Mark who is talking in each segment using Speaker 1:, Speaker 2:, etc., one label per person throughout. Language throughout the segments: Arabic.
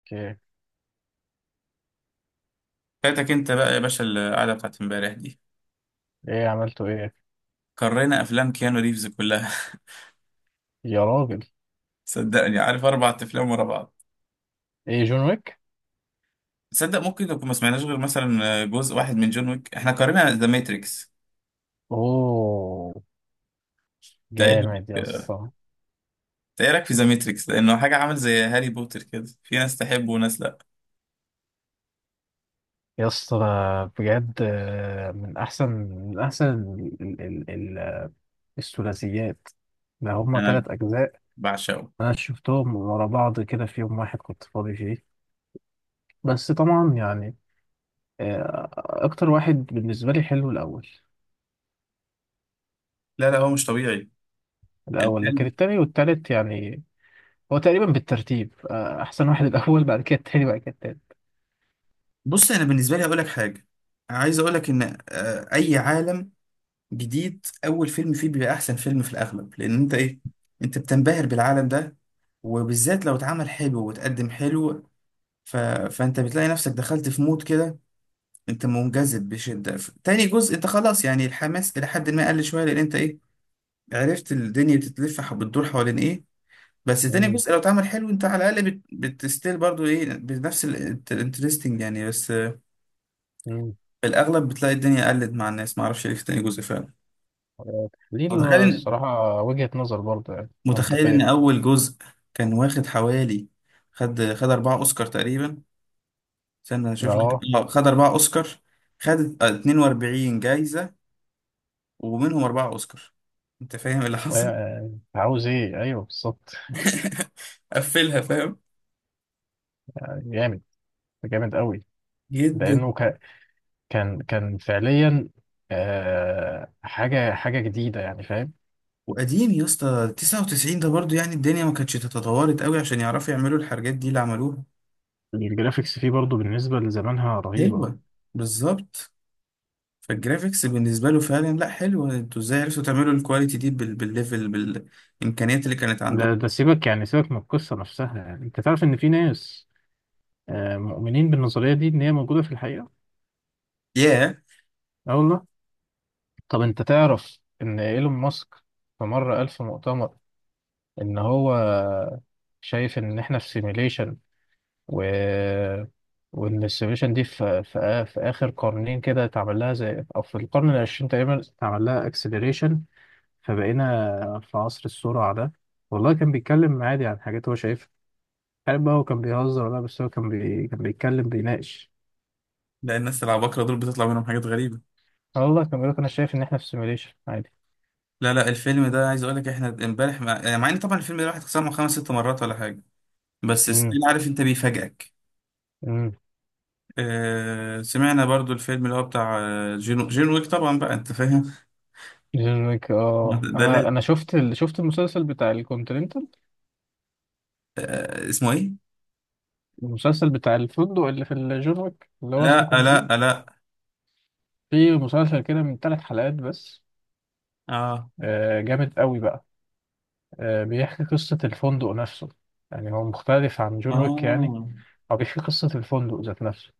Speaker 1: اوكي.
Speaker 2: فاتك انت بقى يا باشا القعده بتاعت امبارح دي.
Speaker 1: عملته ايه؟
Speaker 2: قرينا افلام كيانو ريفز كلها.
Speaker 1: يا راجل،
Speaker 2: صدقني عارف اربع افلام ورا بعض.
Speaker 1: ايه؟ جون ويك.
Speaker 2: تصدق ممكن نكون ما سمعناش غير مثلا جزء واحد من جون ويك، احنا قرينا ذا ماتريكس.
Speaker 1: اوه،
Speaker 2: ده ايه
Speaker 1: جامد يا
Speaker 2: رأيك-
Speaker 1: اسطى.
Speaker 2: ده إيه رايك في ذا ماتريكس؟ لانه حاجه عامل زي هاري بوتر كده، في ناس تحبه وناس لا.
Speaker 1: يا اسطى ده بجد من احسن، من احسن ال- ال- ال- ال- الثلاثيات. ده هما
Speaker 2: انا
Speaker 1: تلات اجزاء.
Speaker 2: بعشقه.
Speaker 1: انا شفتهم ورا بعض كده في يوم واحد كنت فاضي فيه. بس طبعا يعني، اكتر واحد بالنسبه لي حلو الاول.
Speaker 2: لا لا، هو مش طبيعي
Speaker 1: الاول، لكن
Speaker 2: الفيلم.
Speaker 1: التاني والتالت يعني. هو تقريبا بالترتيب، احسن واحد الاول، بعد كده التاني، بعد كده التالت.
Speaker 2: بص انا بالنسبه لي اقول لك حاجه، عايز اقول لك ان اي عالم جديد اول فيلم فيه بيبقى احسن فيلم في الاغلب، لان انت ايه، انت بتنبهر بالعالم ده، وبالذات لو اتعمل حلو وتقدم حلو. ف... فانت بتلاقي نفسك دخلت في مود كده، انت منجذب بشدة. تاني جزء انت خلاص، يعني الحماس الى حد ما قل شوية، لان انت ايه، عرفت الدنيا بتتلف بتدور حوالين ايه. بس تاني جزء لو اتعمل حلو انت على الاقل بتستيل برضو ايه بنفس الانترستنج يعني. بس
Speaker 1: مم.
Speaker 2: في الاغلب بتلاقي الدنيا قلت مع الناس، معرفش ليه في تاني جزء فعلا.
Speaker 1: دي
Speaker 2: وتخيل إن-
Speaker 1: الصراحة وجهة نظر برضه يعني
Speaker 2: متخيل ان
Speaker 1: منطقية.
Speaker 2: اول جزء كان واخد حوالي، خد اربعة اوسكار تقريبا. استنى اشوف لك.
Speaker 1: اه.
Speaker 2: اه خد اربعة اوسكار. خد 42 جايزة، ومنهم اربعة اوسكار. انت فاهم اللي حصل؟
Speaker 1: يعني عاوز ايه؟ ايوه بالظبط.
Speaker 2: قفلها فاهم.
Speaker 1: جامد، جامد قوي.
Speaker 2: جدا.
Speaker 1: لانه كان، كان فعليا آه، حاجة، حاجة جديدة يعني، فاهم؟
Speaker 2: وقديم يا اسطى 99 ده برضو، يعني الدنيا ما كانتش تتطورت قوي عشان يعرفوا يعملوا الحاجات دي اللي عملوها.
Speaker 1: الجرافيكس فيه برضه بالنسبة لزمانها رهيبة.
Speaker 2: ايوه بالظبط. فالجرافيكس بالنسبه له فعلا لا حلو، انتوا ازاي عرفتوا تعملوا الكواليتي دي بالليفل بالامكانيات اللي كانت
Speaker 1: ده
Speaker 2: عندكم.
Speaker 1: ده سيبك، يعني سيبك من القصة نفسها. يعني انت تعرف ان في ناس آه مؤمنين بالنظرية دي، ان هي موجودة في الحقيقة.
Speaker 2: ياه.
Speaker 1: اه والله. طب انت تعرف ان ايلون ماسك في مرة قال في مؤتمر ان هو شايف ان احنا في سيميليشن، و وان السيميليشن دي في اخر قرنين كده اتعمل لها زي، او في القرن العشرين تقريبا اتعمل لها اكسلريشن، فبقينا في عصر السرعه ده. والله كان بيتكلم عادي عن حاجات هو شايفها. عارف بقى هو كان بيهزر؟ ولا بس هو كان كان بيتكلم، بيناقش.
Speaker 2: لا، الناس العباقرة دول بتطلع منهم حاجات غريبة.
Speaker 1: والله كان بيقول لك انا شايف ان احنا في سيميليشن، عادي.
Speaker 2: لا لا، الفيلم ده، عايز اقول لك احنا امبارح يعني مع ان طبعا الفيلم ده الواحد سمعه خمس ست مرات ولا حاجة، بس
Speaker 1: امم
Speaker 2: ستيل عارف انت بيفاجئك.
Speaker 1: امم.
Speaker 2: سمعنا برضو الفيلم اللي هو بتاع جون ويك، طبعا بقى انت فاهم.
Speaker 1: جون ويك.
Speaker 2: ما ت-
Speaker 1: اه،
Speaker 2: ده
Speaker 1: انا
Speaker 2: لا.
Speaker 1: انا شفت شفت المسلسل بتاع الكونتيننتال.
Speaker 2: اسمه ايه؟
Speaker 1: المسلسل بتاع الفندق اللي في الجورك اللي هو اسمه
Speaker 2: لا لا
Speaker 1: كونتيننت.
Speaker 2: لا.
Speaker 1: في مسلسل كده من ثلاث حلقات بس،
Speaker 2: اه
Speaker 1: جامد قوي بقى. بيحكي قصة الفندق نفسه، يعني هو مختلف عن جون ويك يعني.
Speaker 2: اه،
Speaker 1: هو بيحكي قصة الفندق ذات نفسه.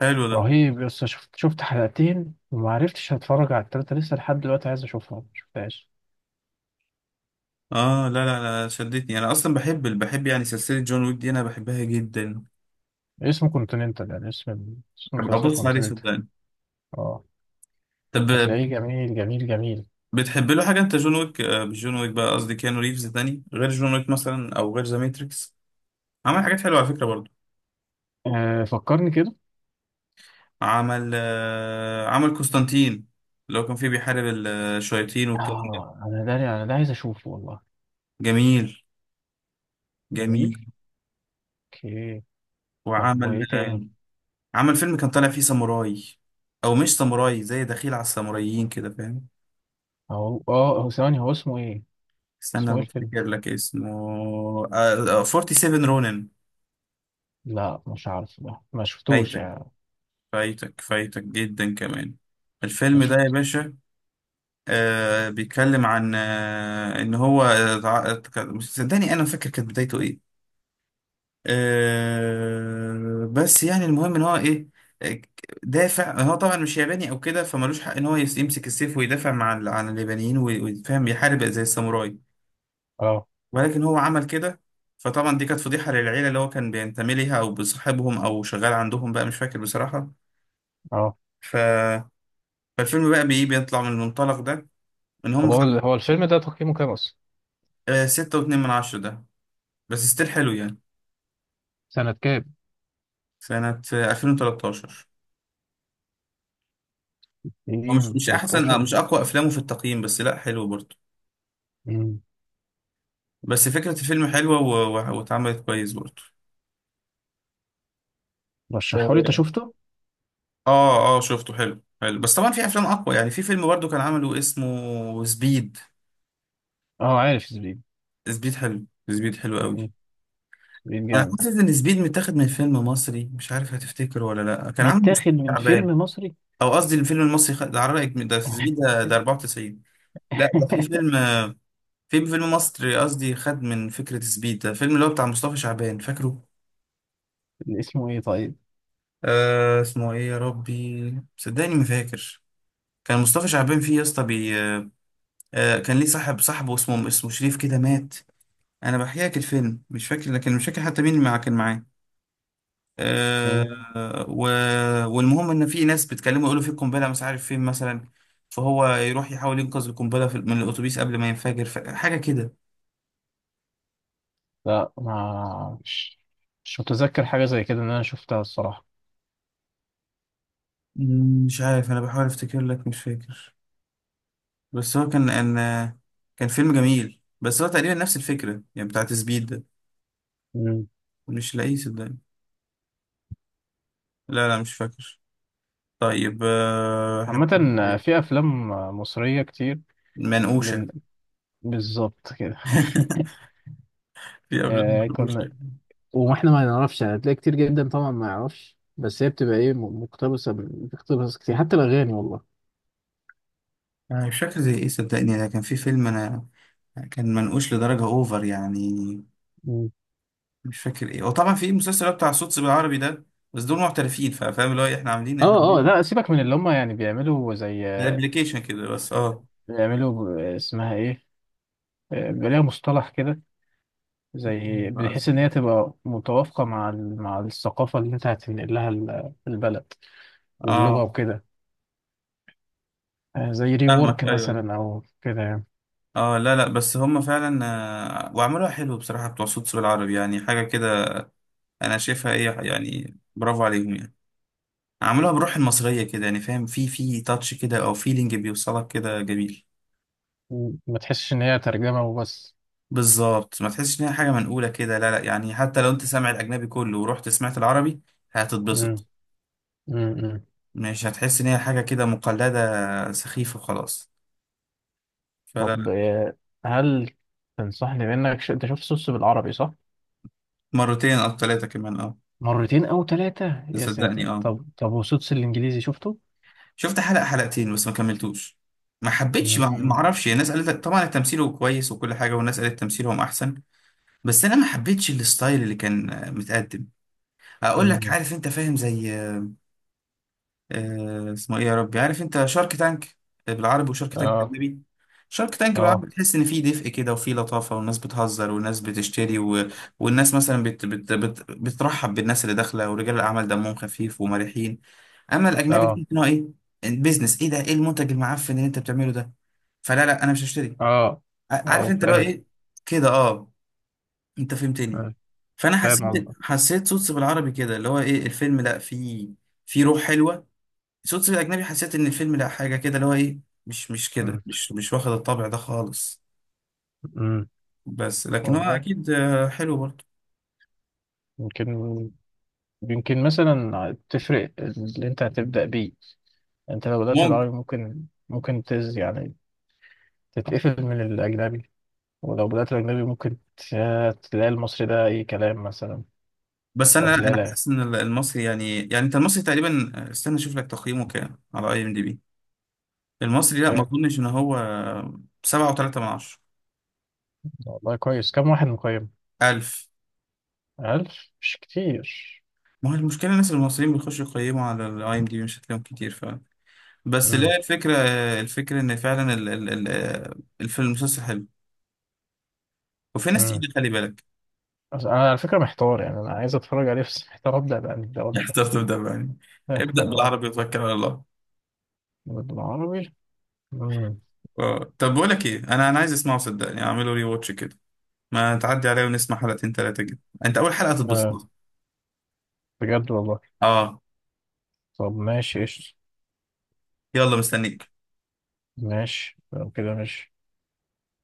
Speaker 2: حلو ده.
Speaker 1: رهيب. بس شفت، شفت حلقتين وما عرفتش هتفرج على التلاتة لسه لحد دلوقتي. عايز اشوفها، ما شفتهاش.
Speaker 2: اه، لا لا لا، شدتني، انا اصلا بحب يعني سلسلة جون ويك دي، انا بحبها جدا.
Speaker 1: اسمه كونتيننتال يعني، اسم
Speaker 2: ابقى
Speaker 1: المسلسل
Speaker 2: ابص عليه
Speaker 1: كونتيننتال.
Speaker 2: صدقني.
Speaker 1: اه.
Speaker 2: طب
Speaker 1: هتلاقيه جميل، جميل، جميل.
Speaker 2: بتحب له حاجة انت جون ويك، مش جون ويك بقى قصدي، كيانو ريفز تاني غير جون ويك مثلا او غير ذا ماتريكس؟ عمل حاجات حلوة على فكرة برضو.
Speaker 1: آه، فكرني كده.
Speaker 2: عمل عمل قسطنطين، اللي هو كان فيه بيحارب الشياطين والكلام ده.
Speaker 1: اه، انا ده، انا ده عايز اشوفه والله.
Speaker 2: جميل جميل.
Speaker 1: جميل. اوكي. طب
Speaker 2: وعمل
Speaker 1: وايه
Speaker 2: آه،
Speaker 1: تاني؟
Speaker 2: عمل فيلم كان طالع فيه ساموراي، او مش ساموراي، زي دخيل على الساموراييين كده فاهم.
Speaker 1: هو ثواني، هو اسمه ايه؟ اسمه
Speaker 2: استنى
Speaker 1: ايه الفيلم؟
Speaker 2: بفتكر لك اسمه. 47 رونن.
Speaker 1: لا مش عارف ده، ما شفتوش
Speaker 2: فايتك
Speaker 1: يعني.
Speaker 2: فايتك فايتك جدا كمان
Speaker 1: ما
Speaker 2: الفيلم ده يا
Speaker 1: شفت.
Speaker 2: باشا. آه بيتكلم عن آه ان هو مش، صدقني انا فاكر كانت بدايته ايه. آه بس يعني المهم ان هو ايه، آه، دافع. هو طبعا مش ياباني او كده فمالوش حق ان هو يمسك السيف ويدافع مع عن اليابانيين ويفهم يحارب زي الساموراي.
Speaker 1: اه،
Speaker 2: ولكن هو عمل كده. فطبعا دي كانت فضيحة للعيلة اللي هو كان بينتمي ليها او بصاحبهم او شغال عندهم بقى، مش فاكر بصراحة.
Speaker 1: اه.
Speaker 2: ف... فالفيلم بقى بيطلع من المنطلق ده، ان
Speaker 1: طب
Speaker 2: هم
Speaker 1: هو
Speaker 2: خلاص.
Speaker 1: هو الفيلم ده تقييمه كام اصلا؟
Speaker 2: ستة واتنين من عشرة ده، بس ستيل حلو يعني.
Speaker 1: سنة كام؟
Speaker 2: سنة 2013. هو مش مش أحسن،
Speaker 1: 2013.
Speaker 2: مش أقوى أفلامه في التقييم، بس لأ حلو برضه.
Speaker 1: امم.
Speaker 2: بس فكرة الفيلم حلوة واتعملت كويس برضه.
Speaker 1: رشحه لي، انت
Speaker 2: آه،
Speaker 1: شفته؟
Speaker 2: آه شفته، حلو حلو. بس طبعا في أفلام أقوى، يعني في فيلم برضه كان عمله اسمه سبيد.
Speaker 1: اه، عارف زبيب.
Speaker 2: سبيد حلو، سبيد حلو قوي.
Speaker 1: مم. زبيب
Speaker 2: أنا
Speaker 1: جامد.
Speaker 2: حاسس إن سبيد متاخد من فيلم مصري، مش عارف هتفتكره ولا لأ، كان عامل
Speaker 1: متاخد
Speaker 2: مصطفى
Speaker 1: من فيلم
Speaker 2: شعبان.
Speaker 1: مصري؟
Speaker 2: أو قصدي الفيلم المصري، ده على رأيك، ده سبيد ده، ده 94. لأ ده في فيلم في فيلم مصري قصدي خد من فكرة سبيد ده، فيلم اللي هو بتاع مصطفى شعبان فاكره.
Speaker 1: اللي اسمه ايه طيب؟
Speaker 2: آه اسمه ايه يا ربي، صدقني ما فاكر. كان مصطفى شعبان فيه يا اسطى بي. آه كان ليه صاحب، صاحبه اسمه اسمه شريف كده، مات. انا بحكي لك الفيلم مش فاكر، لكن مش فاكر حتى مين اللي كان معاه. آه
Speaker 1: مم.
Speaker 2: و... والمهم ان في ناس بتكلمه يقولوا في قنبله مش عارف فين مثلا، فهو يروح يحاول ينقذ القنبله من الاتوبيس قبل ما ينفجر. حاجه كده.
Speaker 1: لا، ما مش مش متذكر حاجة زي كده ان انا شفتها الصراحة.
Speaker 2: مش عارف، انا بحاول افتكر لك مش فاكر. بس هو كان ان كان فيلم جميل، بس هو تقريبا نفس الفكرة يعني بتاعت سبيد ده.
Speaker 1: مم.
Speaker 2: مش لاقيه صدقني. لا لا مش فاكر. طيب، احنا
Speaker 1: عامة،
Speaker 2: كنا في
Speaker 1: في افلام مصرية كتير
Speaker 2: منقوشة.
Speaker 1: بال- بالظبط كده.
Speaker 2: في أفلام
Speaker 1: كنا،
Speaker 2: منقوشة.
Speaker 1: واحنا ما نعرفش يعني. هتلاقي كتير جدا طبعا ما يعرفش، بس هي بتبقى ايه، مقتبسه بتقتبس كتير حتى الاغاني، والله.
Speaker 2: أنا مش فاكر زي إيه صدقني. أنا كان في فيلم، أنا كان منقوش لدرجة أوفر يعني.
Speaker 1: مم.
Speaker 2: مش فاكر إيه. وطبعا في المسلسل بتاع صوت بالعربي ده، بس دول محترفين، فاهم اللي هو إيه، إحنا عاملين إحنا
Speaker 1: اه، اه.
Speaker 2: عاملين
Speaker 1: لا، سيبك من اللي هم يعني، بيعملوا زي
Speaker 2: ده أبلكيشن كده بس أه.
Speaker 1: بيعملوا، اسمها ايه، بيبقى ليها مصطلح كده، زي بحيث ان هي تبقى متوافقه مع مع الثقافه اللي انت هتنقل لها البلد واللغه
Speaker 2: آه
Speaker 1: وكده. زي ري
Speaker 2: فاهمك
Speaker 1: وورك
Speaker 2: أيوه.
Speaker 1: مثلا او كده يعني.
Speaker 2: اه لا لا بس هم فعلا، وعملوها حلو بصراحة، بتوع صوت سوق العربي، يعني حاجة كده. أنا شايفها إيه يعني، برافو عليهم يعني. عملوها بروح المصرية كده يعني، فاهم، في في تاتش كده أو فيلينج بيوصلك كده جميل.
Speaker 1: مم. ما تحسش ان هي ترجمه وبس.
Speaker 2: بالظبط ما تحسش إن هي حاجة منقولة كده، لا لا يعني، حتى لو أنت سامع الأجنبي كله ورحت سمعت العربي
Speaker 1: مم.
Speaker 2: هتتبسط.
Speaker 1: مم.
Speaker 2: مش هتحس إن هي حاجة كده مقلدة سخيفة وخلاص. فلا لا.
Speaker 1: طب هل تنصحني بانك انت شفت سوتس بالعربي، صح؟
Speaker 2: مرتين أو ثلاثة كمان اه.
Speaker 1: مرتين او ثلاثة،
Speaker 2: ده
Speaker 1: يا
Speaker 2: صدقني
Speaker 1: ساتر.
Speaker 2: اه.
Speaker 1: طب، طب وسوتس الانجليزي شفته؟
Speaker 2: شفت حلقة حلقتين بس ما كملتوش. ما حبيتش، ما
Speaker 1: مم.
Speaker 2: اعرفش، الناس قالت لك طبعا التمثيل هو كويس وكل حاجة، والناس قالت تمثيلهم احسن. بس انا ما حبيتش الستايل اللي كان متقدم. اقول لك،
Speaker 1: مم.
Speaker 2: عارف انت فاهم زي اسمه ايه يا ربي، عارف انت شارك تانك بالعربي وشارك تانك
Speaker 1: اه
Speaker 2: بالاجنبي. شارك تانك بالعربي
Speaker 1: اه
Speaker 2: بتحس ان فيه دفء كده وفيه لطافه، والناس بتهزر والناس بتشتري والناس مثلا بترحب بالناس اللي داخله، ورجال الاعمال دمهم خفيف ومرحين. اما الاجنبي
Speaker 1: اه
Speaker 2: تحس ان هو ايه، بيزنس، ايه ده، ايه المنتج المعفن اللي انت بتعمله ده، فلا لا انا مش هشتري.
Speaker 1: اه
Speaker 2: عارف
Speaker 1: اه
Speaker 2: انت اللي هو
Speaker 1: فاهم.
Speaker 2: ايه، كده اه. انت فهمتني.
Speaker 1: آه،
Speaker 2: فانا
Speaker 1: فاهم
Speaker 2: حسيت
Speaker 1: قصدك.
Speaker 2: حسيت صوت بالعربي كده اللي هو ايه، الفيلم لا فيه، في روح حلوه. شفت في الأجنبي حسيت إن الفيلم لا، حاجة كده اللي هو إيه، مش كده،
Speaker 1: مم.
Speaker 2: مش واخد الطابع ده خالص.
Speaker 1: امم.
Speaker 2: بس لكن هو
Speaker 1: والله
Speaker 2: أكيد حلو برضه.
Speaker 1: يمكن، يمكن مثلا تفرق اللي انت هتبدأ بيه. انت لو بدأت
Speaker 2: ممكن.
Speaker 1: بالعربي ممكن، ممكن تز يعني، تتقفل من الأجنبي. ولو بدأت الأجنبي ممكن تلاقي المصري ده أي كلام مثلا.
Speaker 2: بس أنا
Speaker 1: طب لا
Speaker 2: أنا
Speaker 1: لا.
Speaker 2: حاسس إن المصري، يعني يعني أنت المصري تقريبا، استنى أشوف لك تقييمه كام على IMDB. المصري لا ما
Speaker 1: كام؟
Speaker 2: أظنش إن هو. سبعة وتلاتة من عشرة.
Speaker 1: والله كويس. كام واحد مقيم؟
Speaker 2: ألف.
Speaker 1: ألف. مش كتير.
Speaker 2: ما هو المشكلة الناس المصريين بيخشوا يقيموا على الـIMDB، مش هتلاقيهم كتير فعلا. بس
Speaker 1: امم
Speaker 2: لا الفكرة، الفكرة إن فعلا الفيلم المسلسل حلو، وفي ناس
Speaker 1: امم.
Speaker 2: تقيلة خلي بالك.
Speaker 1: بس أنا على فكرة محتار يعني. أنا عايز أتفرج عليه بس محتار أبدأ بقى من الدولة.
Speaker 2: اختار تبدأ بأني. ابدأ
Speaker 1: أه.
Speaker 2: بالعربي وتوكل على الله.
Speaker 1: بالعربي. امم.
Speaker 2: آه. طب بقول لك ايه، انا عايز اسمعه صدقني، اعمله ري واتش كده. ما تعدي عليا ونسمع حلقتين ثلاثة كده، انت اول حلقة
Speaker 1: آه
Speaker 2: تتبسط.
Speaker 1: بجد والله.
Speaker 2: اه.
Speaker 1: طب ماشي، قشطة.
Speaker 2: يلا مستنيك.
Speaker 1: ماشي، لو كده ماشي.